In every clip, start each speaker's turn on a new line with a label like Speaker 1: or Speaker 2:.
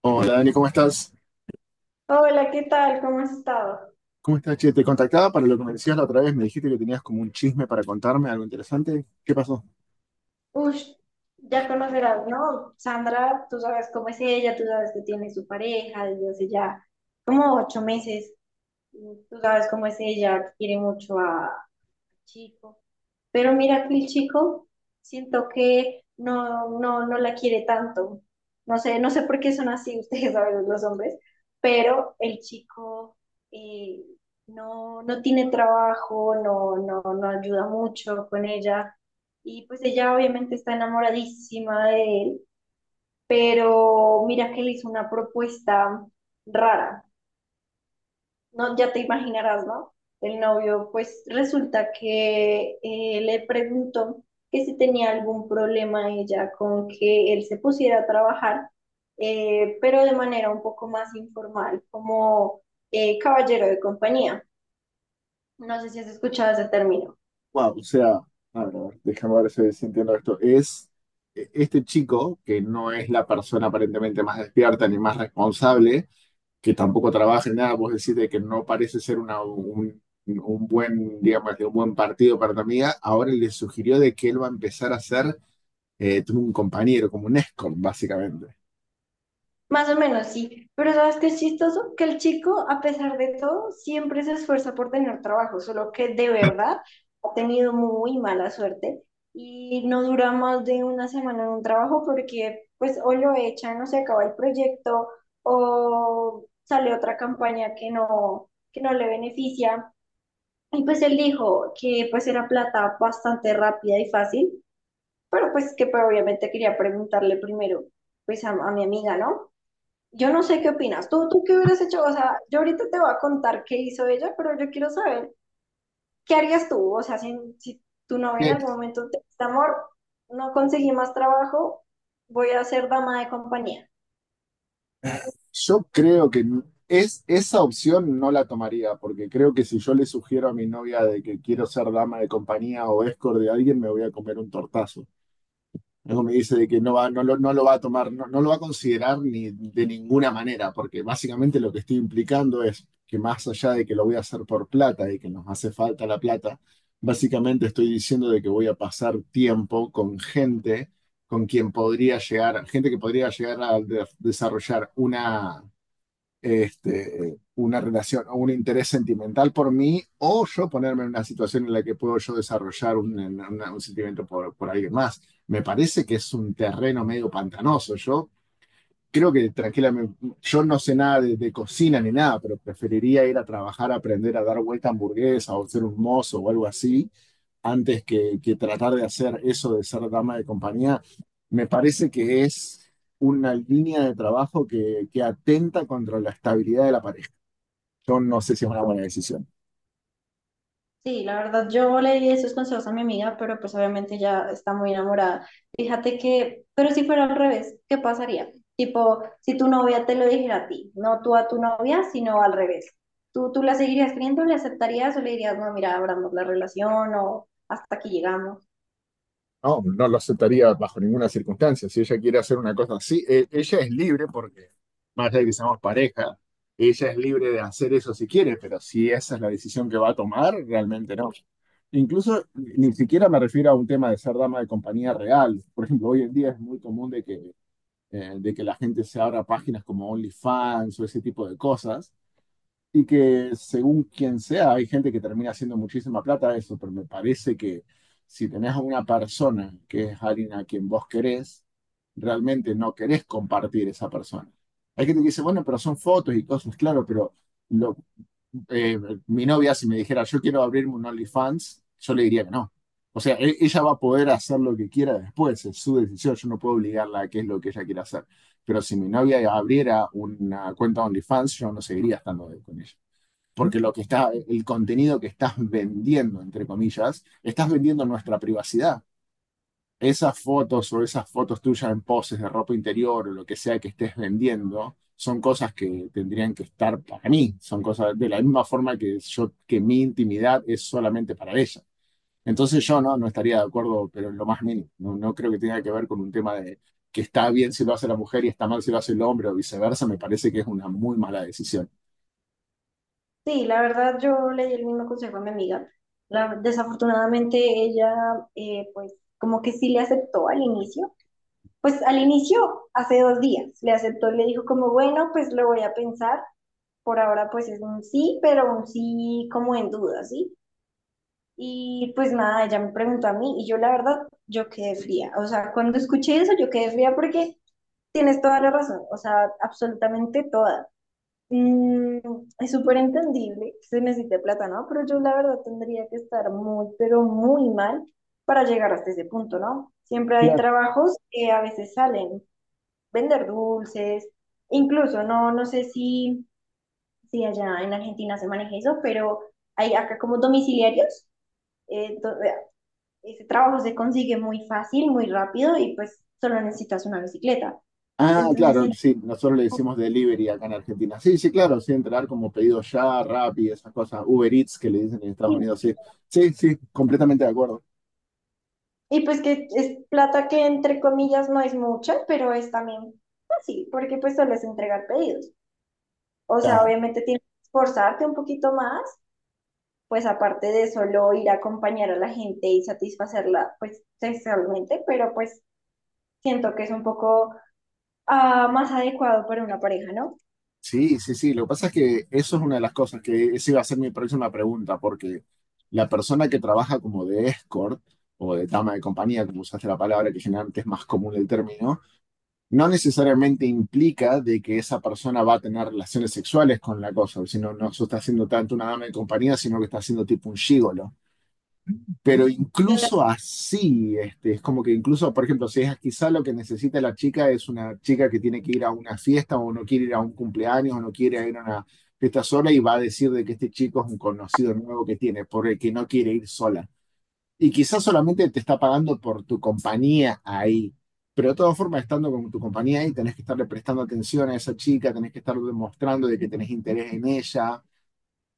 Speaker 1: Hola Dani, ¿cómo estás?
Speaker 2: Hola, ¿qué tal? ¿Cómo has estado?
Speaker 1: ¿Cómo estás, che? Te contactaba para lo que me decías la otra vez, me dijiste que tenías como un chisme para contarme, algo interesante. ¿Qué pasó?
Speaker 2: Ush, ya conocerás, ¿no? Sandra, tú sabes cómo es ella, tú sabes que tiene su pareja desde hace ya como ocho meses. Tú sabes cómo es ella, quiere mucho a Chico. Pero mira que el chico siento que no la quiere tanto. No sé, no sé por qué son así ustedes a veces los hombres, pero el chico eh, no, no tiene trabajo, no, no, no ayuda mucho con ella. Y pues ella obviamente está enamoradísima de él, pero mira que le hizo una propuesta rara. No, ya te imaginarás, ¿no? El novio, pues resulta que le preguntó que si tenía algún problema ella con que él se pusiera a trabajar, pero de manera un poco más informal, como caballero de compañía. No sé si has escuchado ese término.
Speaker 1: Wow, o sea, a ver, déjame ver si entiendo esto. Es Este chico, que no es la persona aparentemente más despierta ni más responsable, que tampoco trabaja en nada, vos decís de que no parece ser un buen, digamos, de un buen partido para tu amiga, ahora le sugirió de que él va a empezar a ser un compañero, como un escort, básicamente.
Speaker 2: Más o menos, sí. Pero ¿sabes qué es chistoso? Que el chico, a pesar de todo, siempre se esfuerza por tener trabajo, solo que de verdad ha tenido muy mala suerte y no dura más de una semana en un trabajo porque pues o lo echan o se acaba el proyecto o sale otra campaña que no le beneficia. Y pues él dijo que pues era plata bastante rápida y fácil, pero pues que, obviamente quería preguntarle primero pues a mi amiga, ¿no? Yo no sé qué opinas. ¿Tú qué hubieras hecho? O sea, yo ahorita te voy a contar qué hizo ella, pero yo quiero saber qué harías tú. O sea, si tu novia en algún momento te dice, amor, no conseguí más trabajo, voy a ser dama de compañía.
Speaker 1: Yo creo que esa opción no la tomaría, porque creo que si yo le sugiero a mi novia de que quiero ser dama de compañía o escort de alguien, me voy a comer un tortazo. Luego me dice de que no lo va a tomar, no, no lo va a considerar ni de ninguna manera, porque básicamente lo que estoy implicando es que más allá de que lo voy a hacer por plata y que nos hace falta la plata, básicamente estoy diciendo de que voy a pasar tiempo con gente con quien podría llegar, gente que podría llegar a desarrollar una relación o un interés sentimental por mí, o yo ponerme en una situación en la que puedo yo desarrollar un sentimiento por alguien más. Me parece que es un terreno medio pantanoso. Yo creo que tranquilamente, yo no sé nada de, de cocina ni nada, pero preferiría ir a trabajar, a aprender a dar vuelta a hamburguesa o ser un mozo o algo así, antes que tratar de hacer eso de ser dama de compañía. Me parece que es una línea de trabajo que atenta contra la estabilidad de la pareja. Yo no sé si es una buena decisión.
Speaker 2: Sí, la verdad, yo le di esos consejos a mi amiga, pero pues obviamente ya está muy enamorada. Fíjate que, pero si fuera al revés, ¿qué pasaría? Tipo, si tu novia te lo dijera a ti, no tú a tu novia, sino al revés. ¿Tú la seguirías creyendo, le aceptarías o le dirías, no, mira, abramos la relación o hasta aquí llegamos?
Speaker 1: No, no lo aceptaría bajo ninguna circunstancia. Si ella quiere hacer una cosa así, ella es libre porque, más allá de que seamos pareja, ella es libre de hacer eso si quiere, pero si esa es la decisión que va a tomar, realmente no. Incluso ni siquiera me refiero a un tema de ser dama de compañía real. Por ejemplo, hoy en día es muy común de que la gente se abra páginas como OnlyFans o ese tipo de cosas y que según quien sea, hay gente que termina haciendo muchísima plata de eso, pero me parece que si tenés a una persona que es alguien a quien vos querés, realmente no querés compartir esa persona. Hay gente que dice, bueno, pero son fotos y cosas, claro, pero lo- eh, mi novia si me dijera, yo quiero abrirme un OnlyFans, yo le diría que no. O sea, ella va a poder hacer lo que quiera después, es su decisión, yo no puedo obligarla a qué es lo que ella quiere hacer. Pero si mi novia abriera una cuenta OnlyFans, yo no seguiría estando con ella porque lo que está, el contenido que estás vendiendo, entre comillas, estás vendiendo nuestra privacidad. Esas fotos o esas fotos tuyas en poses de ropa interior o lo que sea que estés vendiendo, son cosas que tendrían que estar para mí, son cosas de la misma forma que yo, que mi intimidad es solamente para ella. Entonces yo no estaría de acuerdo, pero en lo más mínimo, no, no creo que tenga que ver con un tema de que está bien si lo hace la mujer y está mal si lo hace el hombre o viceversa, me parece que es una muy mala decisión.
Speaker 2: Sí, la verdad, yo le di el mismo consejo a mi amiga. Desafortunadamente, ella, pues, como que sí le aceptó al inicio. Pues al inicio, hace dos días, le aceptó, le dijo como, bueno, pues lo voy a pensar. Por ahora pues es un sí, pero un sí como en duda, ¿sí? Y pues nada, ella me preguntó a mí y yo la verdad, yo quedé fría. O sea, cuando escuché eso, yo quedé fría porque tienes toda la razón, o sea, absolutamente toda. Mm, es súper entendible, que se necesita plata, ¿no? Pero yo la verdad tendría que estar muy, pero muy mal para llegar hasta ese punto, ¿no? Siempre hay
Speaker 1: Claro.
Speaker 2: trabajos que a veces salen, vender dulces, incluso no, no sé si, si allá en Argentina se maneja eso, pero hay acá como domiciliarios, eh, do- eh, ese trabajo se consigue muy fácil, muy rápido y pues solo necesitas una bicicleta.
Speaker 1: Ah,
Speaker 2: Entonces,
Speaker 1: claro,
Speaker 2: en-
Speaker 1: sí, nosotros le decimos delivery acá en Argentina. Sí, sí, claro, sí, entrar como pedido ya, Rappi, esas cosas, Uber Eats que le dicen en Estados Unidos, sí. Sí, sí, completamente de acuerdo.
Speaker 2: y pues que es plata que entre comillas no es mucha, pero es también fácil, porque pues solo es entregar pedidos. O sea,
Speaker 1: Ah,
Speaker 2: obviamente tienes que esforzarte un poquito más, pues aparte de solo ir a acompañar a la gente y satisfacerla, pues sexualmente, pero pues siento que es un poco más adecuado para una pareja, ¿no?
Speaker 1: sí, sí, sí, lo que pasa es que eso es una de las cosas que esa iba a ser mi próxima pregunta, porque la persona que trabaja como de escort o de dama de compañía, como usaste la palabra, que generalmente es más común el término, no necesariamente implica de que esa persona va a tener relaciones sexuales con la cosa, sino no se está haciendo tanto una dama de compañía, sino que está haciendo tipo un gigolo. Pero
Speaker 2: Total.
Speaker 1: incluso así, este, es como que incluso, por ejemplo, si es quizá lo que necesita la chica es una chica que tiene que ir a una fiesta o no quiere ir a un cumpleaños o no quiere ir a una fiesta sola y va a decir de que este chico es un conocido nuevo que tiene, por el que no quiere ir sola. Y quizás solamente te está pagando por tu compañía ahí. Pero de todas formas, estando con tu compañía ahí, tenés que estarle prestando atención a esa chica, tenés que estar demostrando de que tenés interés en ella.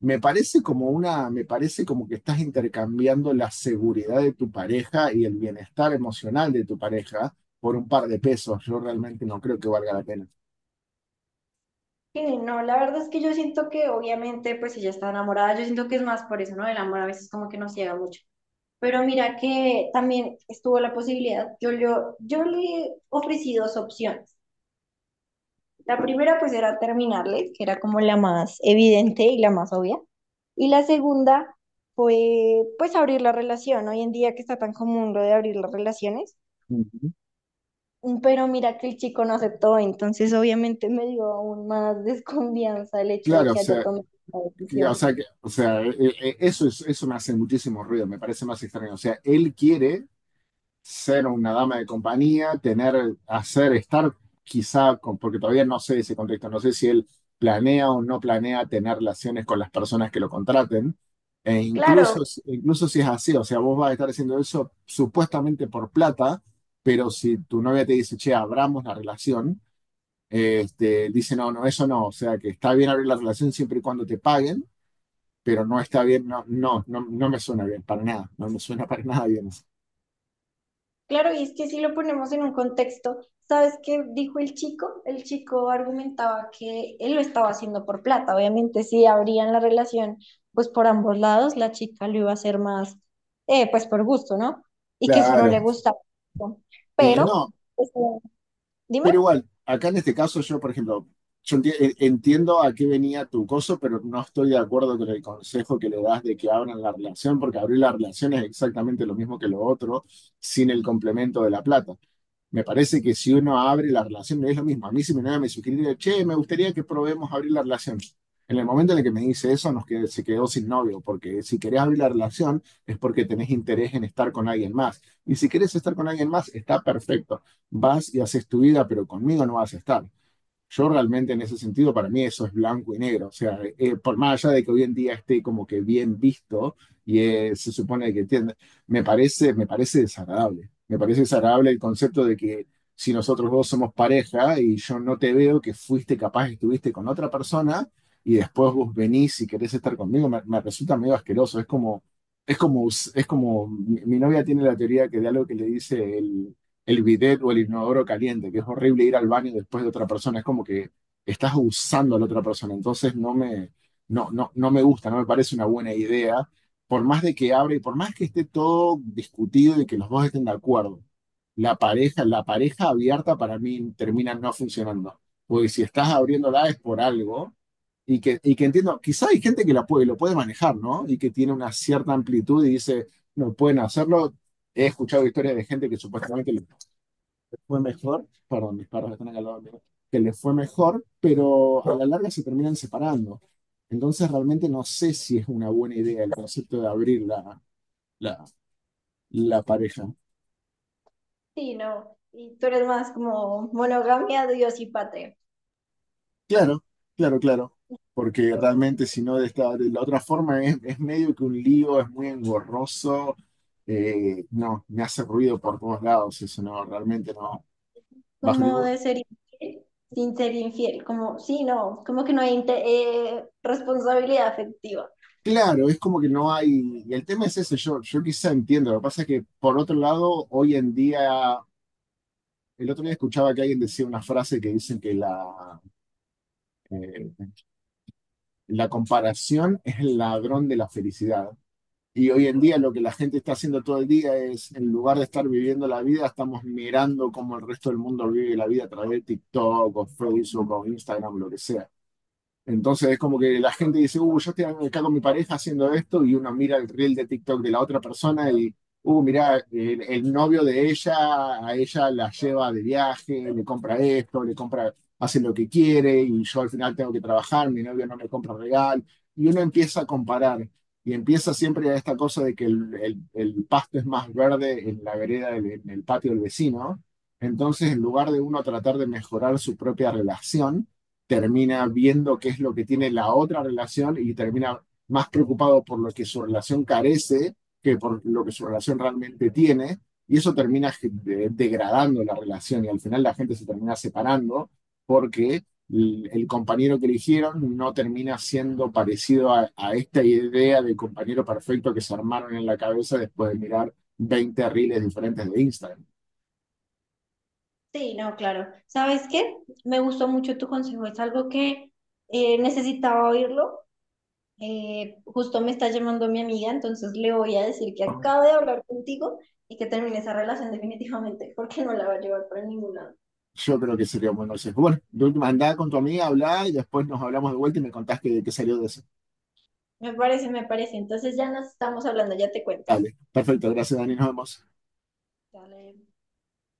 Speaker 1: Me parece como que estás intercambiando la seguridad de tu pareja y el bienestar emocional de tu pareja por un par de pesos. Yo realmente no creo que valga la pena.
Speaker 2: Sí, no, la verdad es que yo siento que obviamente, pues si ya está enamorada, yo siento que es más por eso, ¿no? El amor a veces como que nos ciega mucho. Pero mira que también estuvo la posibilidad, yo le ofrecí dos opciones. La primera pues era terminarle, que era como la más evidente y la más obvia. Y la segunda fue pues abrir la relación, ¿no? Hoy en día que está tan común lo de abrir las relaciones.
Speaker 1: Ujú.
Speaker 2: Pero mira que el chico no aceptó, entonces obviamente me dio aún más desconfianza el hecho de
Speaker 1: Claro, o
Speaker 2: que haya
Speaker 1: sea,
Speaker 2: tomado la decisión.
Speaker 1: eso me hace muchísimo ruido, me parece más extraño. O sea, él quiere ser una dama de compañía, tener, hacer, estar quizá, con, porque todavía no sé ese contexto, no sé si él planea o no planea tener relaciones con las personas que lo contraten, e
Speaker 2: Claro,
Speaker 1: incluso, incluso si es así, o sea, vos vas a estar haciendo eso supuestamente por plata, pero si tu novia te dice, che, abramos la relación, este, dice, no, no, eso no, o sea, que está bien abrir la relación siempre y cuando te paguen, pero no está bien, no, no, no, no me suena bien, para nada, no me suena para nada bien eso.
Speaker 2: claro, y es que si lo ponemos en un contexto, ¿sabes qué dijo el chico? El chico argumentaba que él lo estaba haciendo por plata. Obviamente, si abrían la relación, pues por ambos lados, la chica lo iba a hacer más, pues por gusto, ¿no? Y que eso no le
Speaker 1: Claro.
Speaker 2: gustaba.
Speaker 1: Y
Speaker 2: Pero,
Speaker 1: no,
Speaker 2: pues, dime.
Speaker 1: Pero igual, acá en este caso yo, por ejemplo, yo entiendo a qué venía tu coso, pero no estoy de acuerdo con el consejo que le das de que abran la relación, porque abrir la relación es exactamente lo mismo que lo otro, sin el complemento de la plata. Me parece que si uno abre la relación, no es lo mismo. A mí si me nada me sugiere, che, me gustaría que probemos abrir la relación. En el momento en el que me dice eso, se quedó sin novio, porque si querés abrir la relación es porque tenés interés en estar con alguien más. Y si querés estar con alguien más, está perfecto. Vas y haces tu vida, pero conmigo no vas a estar. Yo realmente en ese sentido, para mí eso es blanco y negro. O sea, por más allá de que hoy en día esté como que bien visto y se supone que tiene, me parece desagradable. Me parece desagradable el concepto de que si nosotros dos somos pareja y yo no te veo que fuiste capaz, estuviste con otra persona y después vos venís y querés estar conmigo, me resulta medio asqueroso. Es como, mi novia tiene la teoría que de algo que le dice el bidet o el inodoro caliente, que es horrible ir al baño después de otra persona, es como que estás usando a la otra persona, entonces no, no, no me gusta, no me parece una buena idea, por más de que abra y por más que esté todo discutido y que los dos estén de acuerdo, la pareja abierta para mí termina no funcionando, porque si estás abriéndola es por algo. Y que entiendo, quizá hay gente que la puede, lo puede manejar, ¿no? Y que tiene una cierta amplitud y dice, no pueden hacerlo. He escuchado historias de gente que supuestamente fue mejor, perdón, mis perros están acá al lado mío, que le fue mejor, pero a la larga se terminan separando. Entonces realmente no sé si es una buena idea el concepto de abrir la, la pareja.
Speaker 2: Sí, no. Y tú eres más como monogamia, Dios y patria.
Speaker 1: Claro, claro, claro. Porque
Speaker 2: Yo,
Speaker 1: realmente si no de esta, de la otra forma es medio que un lío, es muy engorroso. No, me hace ruido por todos lados, eso no, realmente no. Bajo
Speaker 2: como de
Speaker 1: ningún.
Speaker 2: ser infiel sin ser infiel, como, sí, no, como que no hay responsabilidad afectiva.
Speaker 1: Claro, es como que no hay, y el tema es ese, yo quizá entiendo, lo que pasa es que por otro lado, hoy en día, el otro día escuchaba que alguien decía una frase que dicen que eh, la comparación es el ladrón de la felicidad. Y hoy en día lo que la gente está haciendo todo el día es, en lugar de estar viviendo la vida, estamos mirando cómo el resto del mundo vive la vida a través de TikTok o Facebook o Instagram, lo que sea. Entonces es como que la gente dice, yo estoy acá con mi pareja haciendo esto, y uno mira el reel de TikTok de la otra persona y, mira, el novio de ella, a ella la lleva de viaje, le compra esto, le compra, hace lo que quiere, y yo al final tengo que trabajar, mi novio no me compra y uno empieza a comparar, y empieza siempre a esta cosa de que el pasto es más verde en la vereda, en el patio del vecino. Entonces, en lugar de uno tratar de mejorar su propia relación, termina viendo qué es lo que tiene la otra relación y termina más preocupado por lo que su relación carece que por lo que su relación realmente tiene, y eso termina degradando la relación y al final la gente se termina separando porque el- compañero que eligieron no termina siendo parecido a esta idea del compañero perfecto que se armaron en la cabeza después de mirar 20 reels diferentes de Instagram.
Speaker 2: Sí, no, claro. ¿Sabes qué? Me gustó mucho tu consejo, es algo que necesitaba oírlo. Justo me está llamando mi amiga, entonces le voy a decir que acabo de hablar contigo y que termine esa relación definitivamente, porque no la va a llevar para ningún lado.
Speaker 1: Yo creo que sería un buen consejo. Bueno, de última andá con tu amiga, hablá y después nos hablamos de vuelta y me contás qué, qué salió de eso.
Speaker 2: Me parece, me parece. Entonces ya nos estamos hablando, ya te cuento.
Speaker 1: Dale, perfecto, gracias Dani, nos vemos.
Speaker 2: Dale.